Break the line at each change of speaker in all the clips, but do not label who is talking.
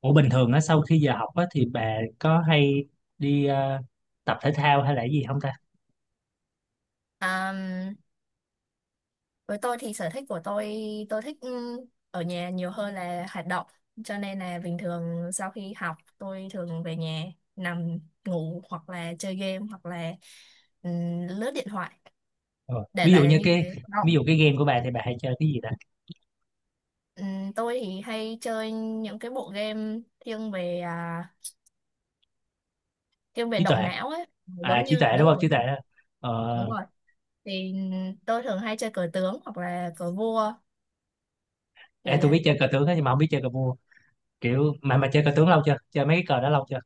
Ủa bình thường á sau khi giờ học á thì bà có hay đi tập thể thao hay là cái gì không ta?
À, với tôi thì sở thích của tôi tôi thích ở nhà nhiều hơn là hoạt động, cho nên là bình thường sau khi học tôi thường về nhà nằm ngủ hoặc là chơi game hoặc là ừ, lướt điện thoại
Ờ.
để
Ví dụ
lại là
như
như
cái
thế
ví
động.
dụ cái game của bà thì bà hay chơi cái gì ta?
Ừ, tôi thì hay chơi những cái bộ game thiên về
Trí tuệ.
động não ấy,
À
giống
trí
như
tuệ
đúng
đúng không?
rồi,
Trí tuệ đó. Ờ.
đúng rồi, thì tôi thường hay chơi cờ tướng hoặc là cờ vua kiểu
À, tôi biết
vậy.
chơi cờ tướng á nhưng mà không biết chơi cờ vua. Kiểu mà chơi cờ tướng lâu chưa? Chơi mấy cái cờ đó lâu chưa?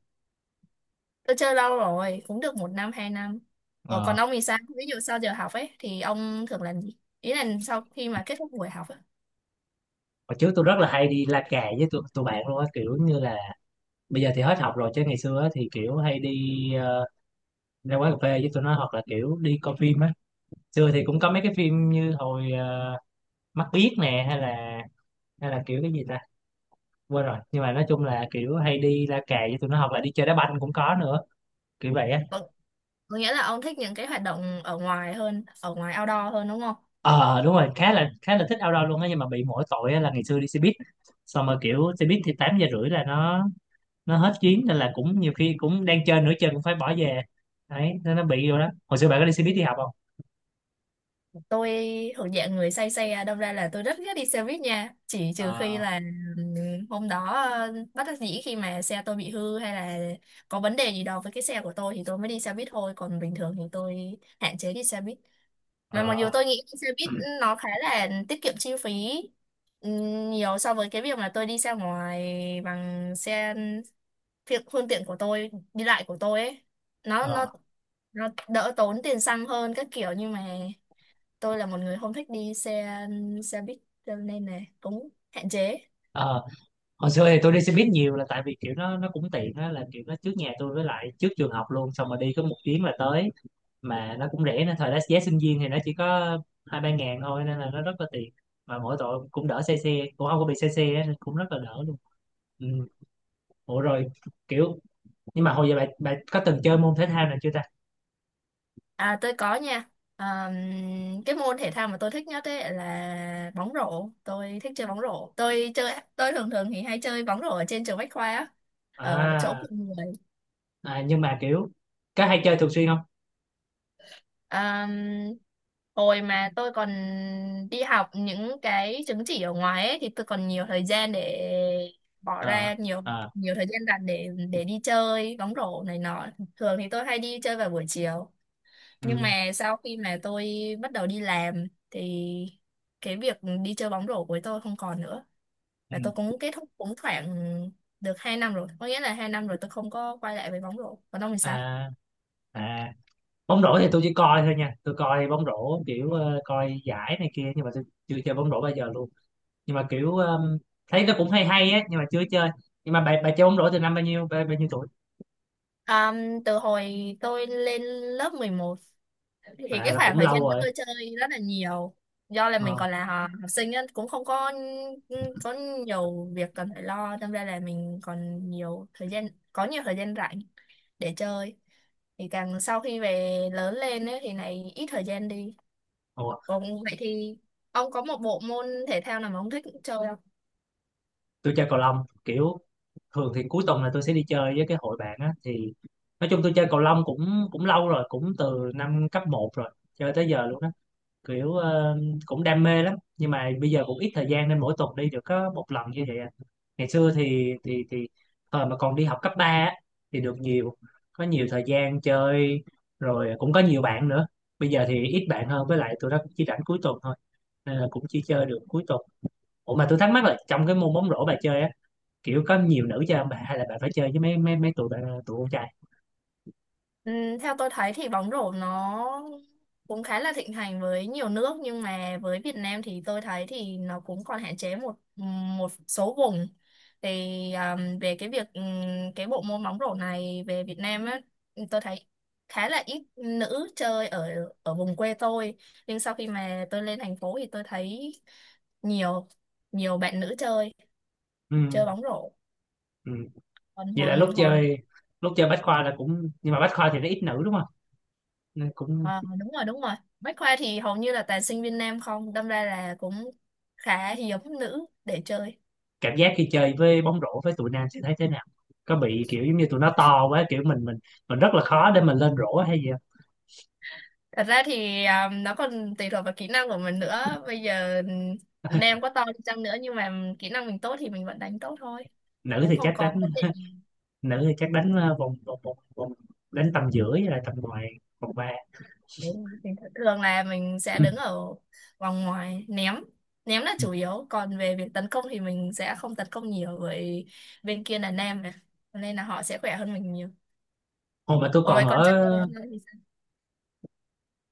Tôi chơi lâu rồi, cũng được một năm, hai năm. Ủa còn
Ờ.
ông thì sao? Ví dụ sau giờ học ấy, thì ông thường làm gì? Ý là sau khi mà kết thúc buổi học ấy.
Hồi trước tôi rất là hay đi la cà với tụi bạn luôn á, kiểu như là bây giờ thì hết học rồi, chứ ngày xưa á thì kiểu hay đi ờ, ra quán cà phê với tụi nó hoặc là kiểu đi coi phim á. Xưa thì cũng có mấy cái phim như hồi mắt biếc nè, hay là kiểu cái gì ta, quên rồi, nhưng mà nói chung là kiểu hay đi la cà với tụi nó hoặc là đi chơi đá banh cũng có nữa, kiểu vậy á.
Có có nghĩa là ông thích những cái hoạt động ở ngoài hơn, ở ngoài outdoor hơn đúng không?
Ờ Đúng rồi, khá là thích outdoor luôn á, nhưng mà bị mỗi tội á là ngày xưa đi xe buýt, xong rồi kiểu xe buýt thì 8h30 là nó hết chuyến, nên là cũng nhiều khi cũng đang chơi nửa chân cũng phải bỏ về. Đấy, nên nó bị rồi đó. Hồi xưa bạn có đi xe buýt đi học không?
Tôi thuộc dạng người say xe, đâm ra là tôi rất ghét đi xe buýt nha. Chỉ trừ khi
Ờ.
là ừm, hôm đó bất đắc dĩ khi mà xe tôi bị hư hay là có vấn đề gì đó với cái xe của tôi thì tôi mới đi xe buýt thôi. Còn bình thường thì tôi hạn chế đi xe buýt. Mà mặc dù
Ờ.
tôi nghĩ xe buýt nó khá là tiết kiệm chi phí nhiều so với cái việc mà tôi đi ra ngoài bằng xe phương tiện của tôi, đi lại của tôi ấy. Nó
Ờ.
nó đỡ tốn tiền xăng hơn các kiểu, nhưng mà tôi là một người không thích đi xe xe buýt cho nên là cũng hạn chế.
Ờ. Hồi xưa thì tôi đi xe buýt nhiều là tại vì kiểu nó cũng tiện á, là kiểu nó trước nhà tôi với lại trước trường học luôn, xong rồi đi có một chuyến là tới, mà nó cũng rẻ, nên thời đó giá sinh viên thì nó chỉ có hai ba ngàn thôi, nên là nó rất là tiền, mà mỗi tội cũng đỡ xe, xe cũng không có bị xe xe á, nên cũng rất là đỡ luôn. Ừ. Ủa rồi kiểu, nhưng mà hồi giờ bạn bạn có từng chơi môn thể thao nào chưa ta?
À, tôi có nha. À, cái môn thể thao mà tôi thích nhất ấy là bóng rổ. Tôi thích chơi bóng rổ. Tôi chơi, tôi thường thường thì hay chơi bóng rổ ở trên trường Bách Khoa á, ở chỗ
À.
của người.
À, nhưng mà kiểu có hay chơi thường xuyên không?
À, hồi mà tôi còn đi học những cái chứng chỉ ở ngoài ấy, thì tôi còn nhiều thời gian để bỏ
Ờ.
ra nhiều
Ờ.
nhiều thời gian rảnh để đi chơi bóng rổ này nọ. Thường thì tôi hay đi chơi vào buổi chiều.
Ừ.
Nhưng mà sau khi mà tôi bắt đầu đi làm thì cái việc đi chơi bóng rổ của tôi không còn nữa, và tôi
Ừ.
cũng kết thúc cũng khoảng được 2 năm rồi, có nghĩa là 2 năm rồi tôi không có quay lại với bóng rổ. Còn ông thì sao?
À. À, bóng rổ thì tôi chỉ coi thôi nha, tôi coi bóng rổ kiểu coi giải này kia, nhưng mà tôi chưa chơi bóng rổ bao giờ luôn, nhưng mà kiểu
Ừ.
thấy nó cũng hay hay á, nhưng mà chưa chơi. Nhưng mà bà chơi bóng rổ từ năm bao nhiêu, bao nhiêu tuổi?
Từ hồi tôi lên lớp 11 thì
À,
cái
là
khoảng
cũng
thời
lâu
gian đó
rồi.
tôi chơi rất là nhiều, do là mình
Ờ.
còn là học sinh á, cũng không có có nhiều việc cần phải lo, đâm ra là mình còn nhiều thời gian, có nhiều thời gian rảnh để chơi. Thì càng sau khi về lớn lên ấy, thì này ít thời gian đi.
Ủa,
Còn vậy thì ông có một bộ môn thể thao nào mà ông thích chơi?
tôi chơi cầu lông kiểu, thường thì cuối tuần là tôi sẽ đi chơi với cái hội bạn á, thì nói chung tôi chơi cầu lông cũng cũng lâu rồi, cũng từ năm cấp một rồi, chơi tới giờ luôn á, kiểu cũng đam mê lắm, nhưng mà bây giờ cũng ít thời gian nên mỗi tuần đi được có một lần như vậy à. Ngày xưa thì thời mà còn đi học cấp 3 á, thì được nhiều, có nhiều thời gian chơi, rồi cũng có nhiều bạn nữa. Bây giờ thì ít bạn hơn, với lại tụi nó cũng chỉ rảnh cuối tuần thôi, nên là cũng chỉ chơi được cuối tuần. Ủa mà tôi thắc mắc là trong cái môn bóng rổ bà chơi á, kiểu có nhiều nữ chơi không bà, hay là bạn phải chơi với mấy mấy mấy tụi bạn, tụi con trai?
Ừ, theo tôi thấy thì bóng rổ nó cũng khá là thịnh hành với nhiều nước, nhưng mà với Việt Nam thì tôi thấy thì nó cũng còn hạn chế một một số vùng. Thì về cái việc cái bộ môn bóng rổ này về Việt Nam á, tôi thấy khá là ít nữ chơi ở ở vùng quê tôi. Nhưng sau khi mà tôi lên thành phố thì tôi thấy nhiều nhiều bạn nữ chơi chơi
Ừ.
bóng rổ.
Ừ.
Còn
Vậy
hồi
là lúc
hồi mà
chơi, lúc chơi bách khoa là cũng, nhưng mà bách khoa thì nó ít nữ đúng không, nên cũng,
Ờ, đúng rồi, đúng rồi, bách khoa thì hầu như là toàn sinh viên nam không, đâm ra là cũng khá hiếm nữ để chơi.
cảm giác khi chơi với bóng rổ với tụi nam sẽ thấy thế nào? Có bị kiểu giống như tụi nó to quá, kiểu mình rất là khó để mình lên rổ hay gì không?
Thật ra thì nó còn tùy thuộc vào kỹ năng của mình nữa, bây giờ nam có to đi chăng nữa nhưng mà kỹ năng mình tốt thì mình vẫn đánh tốt thôi,
Nữ
cũng
thì
không
chắc
có
đánh,
vấn đề gì.
nữ thì chắc đánh vòng đánh tầm giữa với lại tầm ngoài, vòng ba.
Đấy, mình thường là mình sẽ đứng ở vòng ngoài ném, ném là chủ yếu, còn về việc tấn công thì mình sẽ không tấn công nhiều, bởi bên kia là nam mà. Cho nên là họ sẽ khỏe hơn mình nhiều.
Hồi mà tôi
Ủa vậy
còn
con
ở,
trai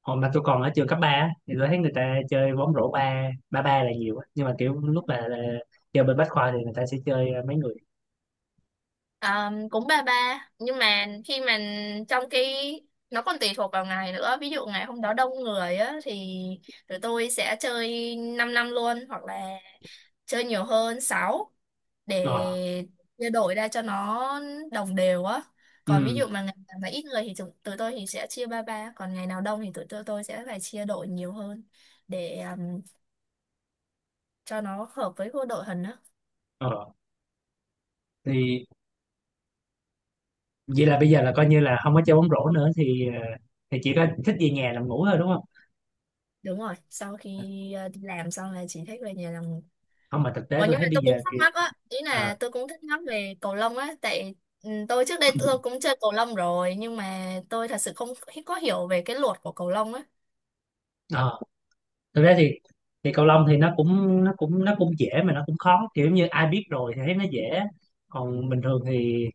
hồi mà tôi còn ở trường cấp 3 á, thì tôi thấy người ta chơi bóng rổ ba ba ba là nhiều á. Nhưng mà kiểu lúc là chơi bên Bách Khoa thì người ta sẽ chơi mấy người.
Ờ, cũng ba ba, nhưng mà khi mà trong cái nó còn tùy thuộc vào ngày nữa, ví dụ ngày hôm đó đông người á thì tụi tôi sẽ chơi 5 năm năm luôn hoặc là chơi nhiều hơn 6 để
Ờ.
chia đổi ra cho nó đồng đều á. Còn ví
Ừ.
dụ mà ngày nào mà ít người thì tụi tôi thì sẽ chia ba ba, còn ngày nào đông thì tôi sẽ phải chia đội nhiều hơn để cho nó hợp với cô đội hình á.
Ờ. Thì, vậy là bây giờ là coi như là không có chơi bóng rổ nữa, thì thì chỉ có thích về nhà nằm ngủ thôi đúng không?
Đúng rồi, sau khi đi làm xong là chỉ thích về nhà làm.
Không, mà thực tế
Ủa,
tôi
nhưng mà
thấy bây
tôi cũng
giờ
thắc
kìa.
mắc á, ý
À.
là tôi cũng thắc mắc về cầu lông á, tại ừ, tôi trước đây tôi cũng chơi cầu lông rồi, nhưng mà tôi thật sự không hi- có hiểu về cái luật của cầu lông á.
ờ, Thực tế thì cầu lông thì nó cũng nó cũng dễ, mà nó cũng khó, kiểu như ai biết rồi thì thấy nó dễ, còn bình thường thì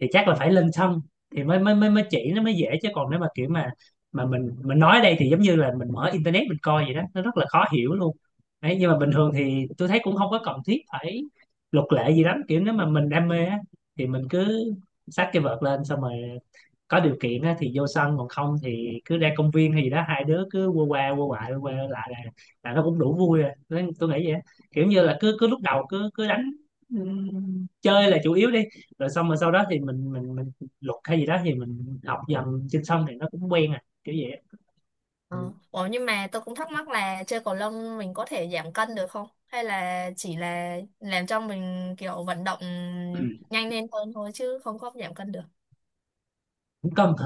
thì chắc là phải lên sân thì mới mới mới mới chỉ nó mới dễ, chứ còn nếu mà kiểu mà mình nói ở đây thì giống như là mình mở internet mình coi vậy đó, nó rất là khó hiểu luôn. Đấy, nhưng mà bình thường thì tôi thấy cũng không có cần thiết phải luật lệ gì lắm, kiểu nếu mà mình đam mê á thì mình cứ xách cái vợt lên, xong rồi có điều kiện á thì vô sân, còn không thì cứ ra công viên hay gì đó, hai đứa cứ qua qua qua lại lại là, là nó cũng đủ vui rồi. Thế tôi nghĩ vậy á. Kiểu như là cứ cứ lúc đầu cứ cứ đánh, chơi là chủ yếu đi, rồi xong rồi sau đó thì mình luật hay gì đó thì mình học dần trên sân thì nó cũng quen à, kiểu vậy á.
Ờ.
Ừ.
Ủa, nhưng mà tôi cũng thắc mắc là chơi cầu lông mình có thể giảm cân được không? Hay là chỉ là làm cho mình kiểu vận động nhanh lên hơn thôi chứ không có giảm cân được.
Cũng cân thử,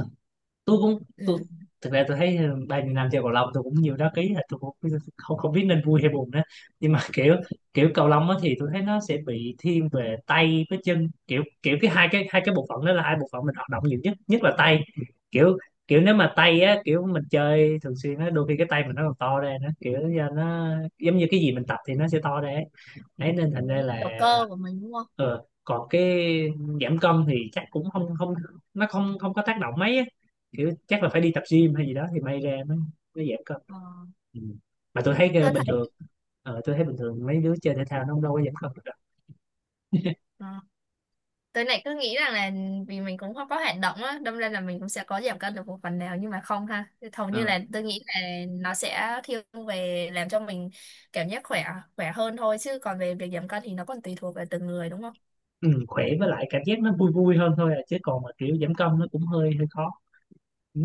tôi,
Ừ.
thực ra tôi thấy bao nhiêu năm chơi cầu lông tôi cũng nhiều đá ký, là tôi cũng không không biết nên vui hay buồn nữa, nhưng mà kiểu, kiểu cầu lông á thì tôi thấy nó sẽ bị thiên về tay với chân, kiểu kiểu cái hai cái bộ phận đó là hai bộ phận mình hoạt động nhiều nhất, nhất là tay, kiểu kiểu nếu mà tay á, kiểu mình chơi thường xuyên á, đôi khi cái tay mình nó còn to ra nữa, kiểu do nó giống như cái gì mình tập thì nó sẽ to ra ấy. Đấy, nên thành ra
Đúng.
là
Kiểu cơ của mình đúng không?
còn cái giảm cân thì chắc cũng không không, nó không không có tác động mấy á. Kiểu chắc là phải đi tập gym hay gì đó thì may ra nó giảm cân.
Ờ.
Ừ. Mà tôi thấy
Tôi
bình
thấy.
thường, tôi thấy bình thường mấy đứa chơi thể thao nó không đâu có giảm cân được đâu.
Tôi lại cứ nghĩ rằng là ừ, vì mình cũng không có hoạt động á, đâm ra là mình cũng sẽ có giảm cân được một phần nào, nhưng mà không ha. Hầu như
Ờ.
là tôi nghĩ là nó sẽ thiên về làm cho mình cảm giác khỏe, khỏe hơn thôi, chứ còn về việc giảm cân thì nó còn tùy thuộc vào từng người đúng không?
ừ, Khỏe với lại cảm giác nó vui vui hơn thôi à, chứ còn mà kiểu giảm cân nó cũng hơi hơi khó. Ừ.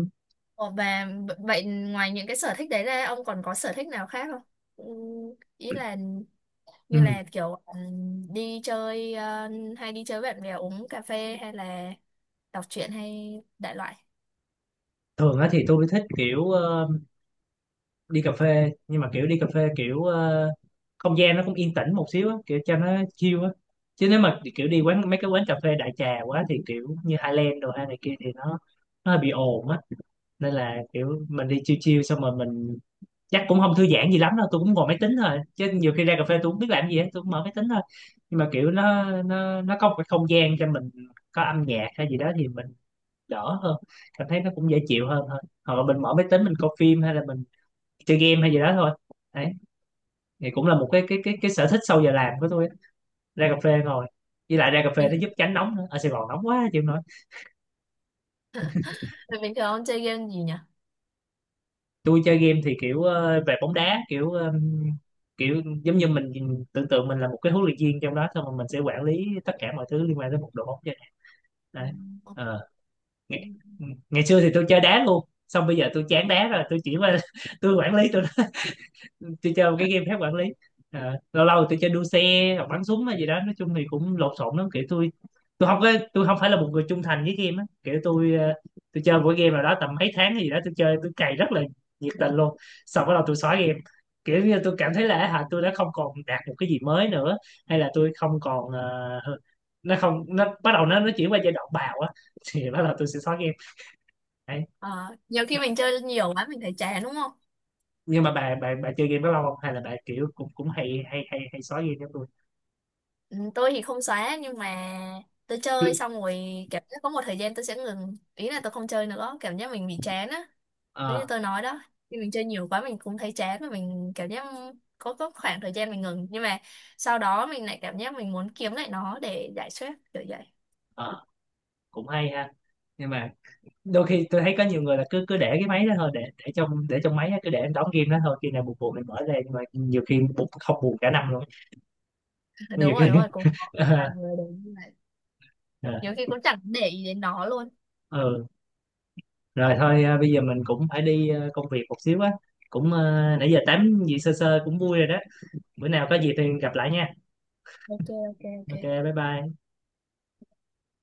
Ồ, và vậy ngoài những cái sở thích đấy ra ông còn có sở thích nào khác không? Ừ, ý là
Ừ.
như là kiểu đi chơi hay đi chơi với bạn bè uống cà phê hay là đọc truyện hay đại loại.
Thường á thì tôi thích kiểu đi cà phê, nhưng mà kiểu đi cà phê kiểu không gian nó cũng yên tĩnh một xíu á, kiểu cho nó chill á, chứ nếu mà kiểu đi quán mấy cái quán cà phê đại trà quá thì kiểu như Highland đồ hay này kia thì nó hơi bị ồn á, nên là kiểu mình đi chill chill xong rồi mình, chắc cũng không thư giãn gì lắm đâu, tôi cũng ngồi máy tính thôi, chứ nhiều khi ra cà phê tôi cũng biết làm gì hết, tôi cũng mở máy tính thôi, nhưng mà kiểu nó có một cái không gian cho mình, có âm nhạc hay gì đó thì mình đỡ hơn, cảm thấy nó cũng dễ chịu hơn thôi, hoặc là mình mở máy tính mình coi phim, hay là mình chơi game hay gì đó thôi. Đấy, thì cũng là một cái sở thích sau giờ làm của tôi á. Ra cà phê ngồi, với lại ra cà phê
Bình,
nó giúp tránh nóng nữa, ở Sài Gòn nóng quá chịu không nổi.
bình thường ông chơi game gì nhỉ?
Tôi chơi game thì kiểu về bóng đá, kiểu kiểu giống như mình tưởng tượng mình là một cái huấn luyện viên trong đó, xong rồi mình sẽ quản lý tất cả mọi thứ liên quan tới một đội bóng vậy. Đấy. Ờ, ngày, Ngày xưa thì tôi chơi đá luôn, xong bây giờ tôi chán đá rồi, tôi chỉ qua tôi quản lý, tôi chơi một cái game khác, quản lý. Ờ, lâu lâu tôi chơi đua xe hoặc bắn súng hay gì đó, nói chung thì cũng lộn xộn lắm, kiểu tôi không có, tôi không phải là một người trung thành với game á, kiểu tôi tôi chơi mỗi game nào đó tầm mấy tháng hay gì đó, tôi chơi tôi cày rất là nhiệt tình luôn, xong bắt đầu tôi xóa game, kiểu như tôi cảm thấy là hả, tôi đã không còn đạt một cái gì mới nữa, hay là tôi không còn nó không nó bắt đầu nó chuyển qua giai đoạn bào á, thì bắt đầu tôi sẽ xóa game. Đấy.
Ờ, nhiều khi mình chơi nhiều quá mình thấy chán đúng không?
Nhưng mà bà chơi game bao lâu không, hay là bà kiểu cũng cũng hay hay hay hay xóa game giống tôi?
Ừ, tôi thì không xóa nhưng mà tôi chơi xong rồi cảm giác có một thời gian tôi sẽ ngừng, ý là tôi không chơi nữa, cảm giác mình bị chán á, giống như
Ờ.
tôi nói đó, khi mình chơi nhiều quá mình cũng thấy chán và mình cảm giác có khoảng thời gian mình ngừng, nhưng mà sau đó mình lại cảm giác mình muốn kiếm lại nó để giải stress kiểu vậy.
Ờ. Cũng hay ha. Nhưng mà đôi khi tôi thấy có nhiều người là cứ cứ để cái máy đó thôi, để để trong máy á, cứ để em đóng game đó thôi, khi nào buồn buồn mình mở ra, nhưng mà nhiều khi buồn, không buồn cả năm luôn á.
Đúng
Nhiều
rồi,
khi
đúng rồi, cũng có
ờ.
vài người đấy như vậy.
Ờ.
Nhiều khi cũng chẳng để ý đến nó luôn.
Ừ. Rồi thôi à, bây giờ mình cũng phải đi à, công việc một xíu á, cũng à, nãy giờ tám gì sơ sơ cũng vui rồi đó, bữa nào có gì thì gặp lại nha.
OK. OK, OK.
Ok. Bye bye.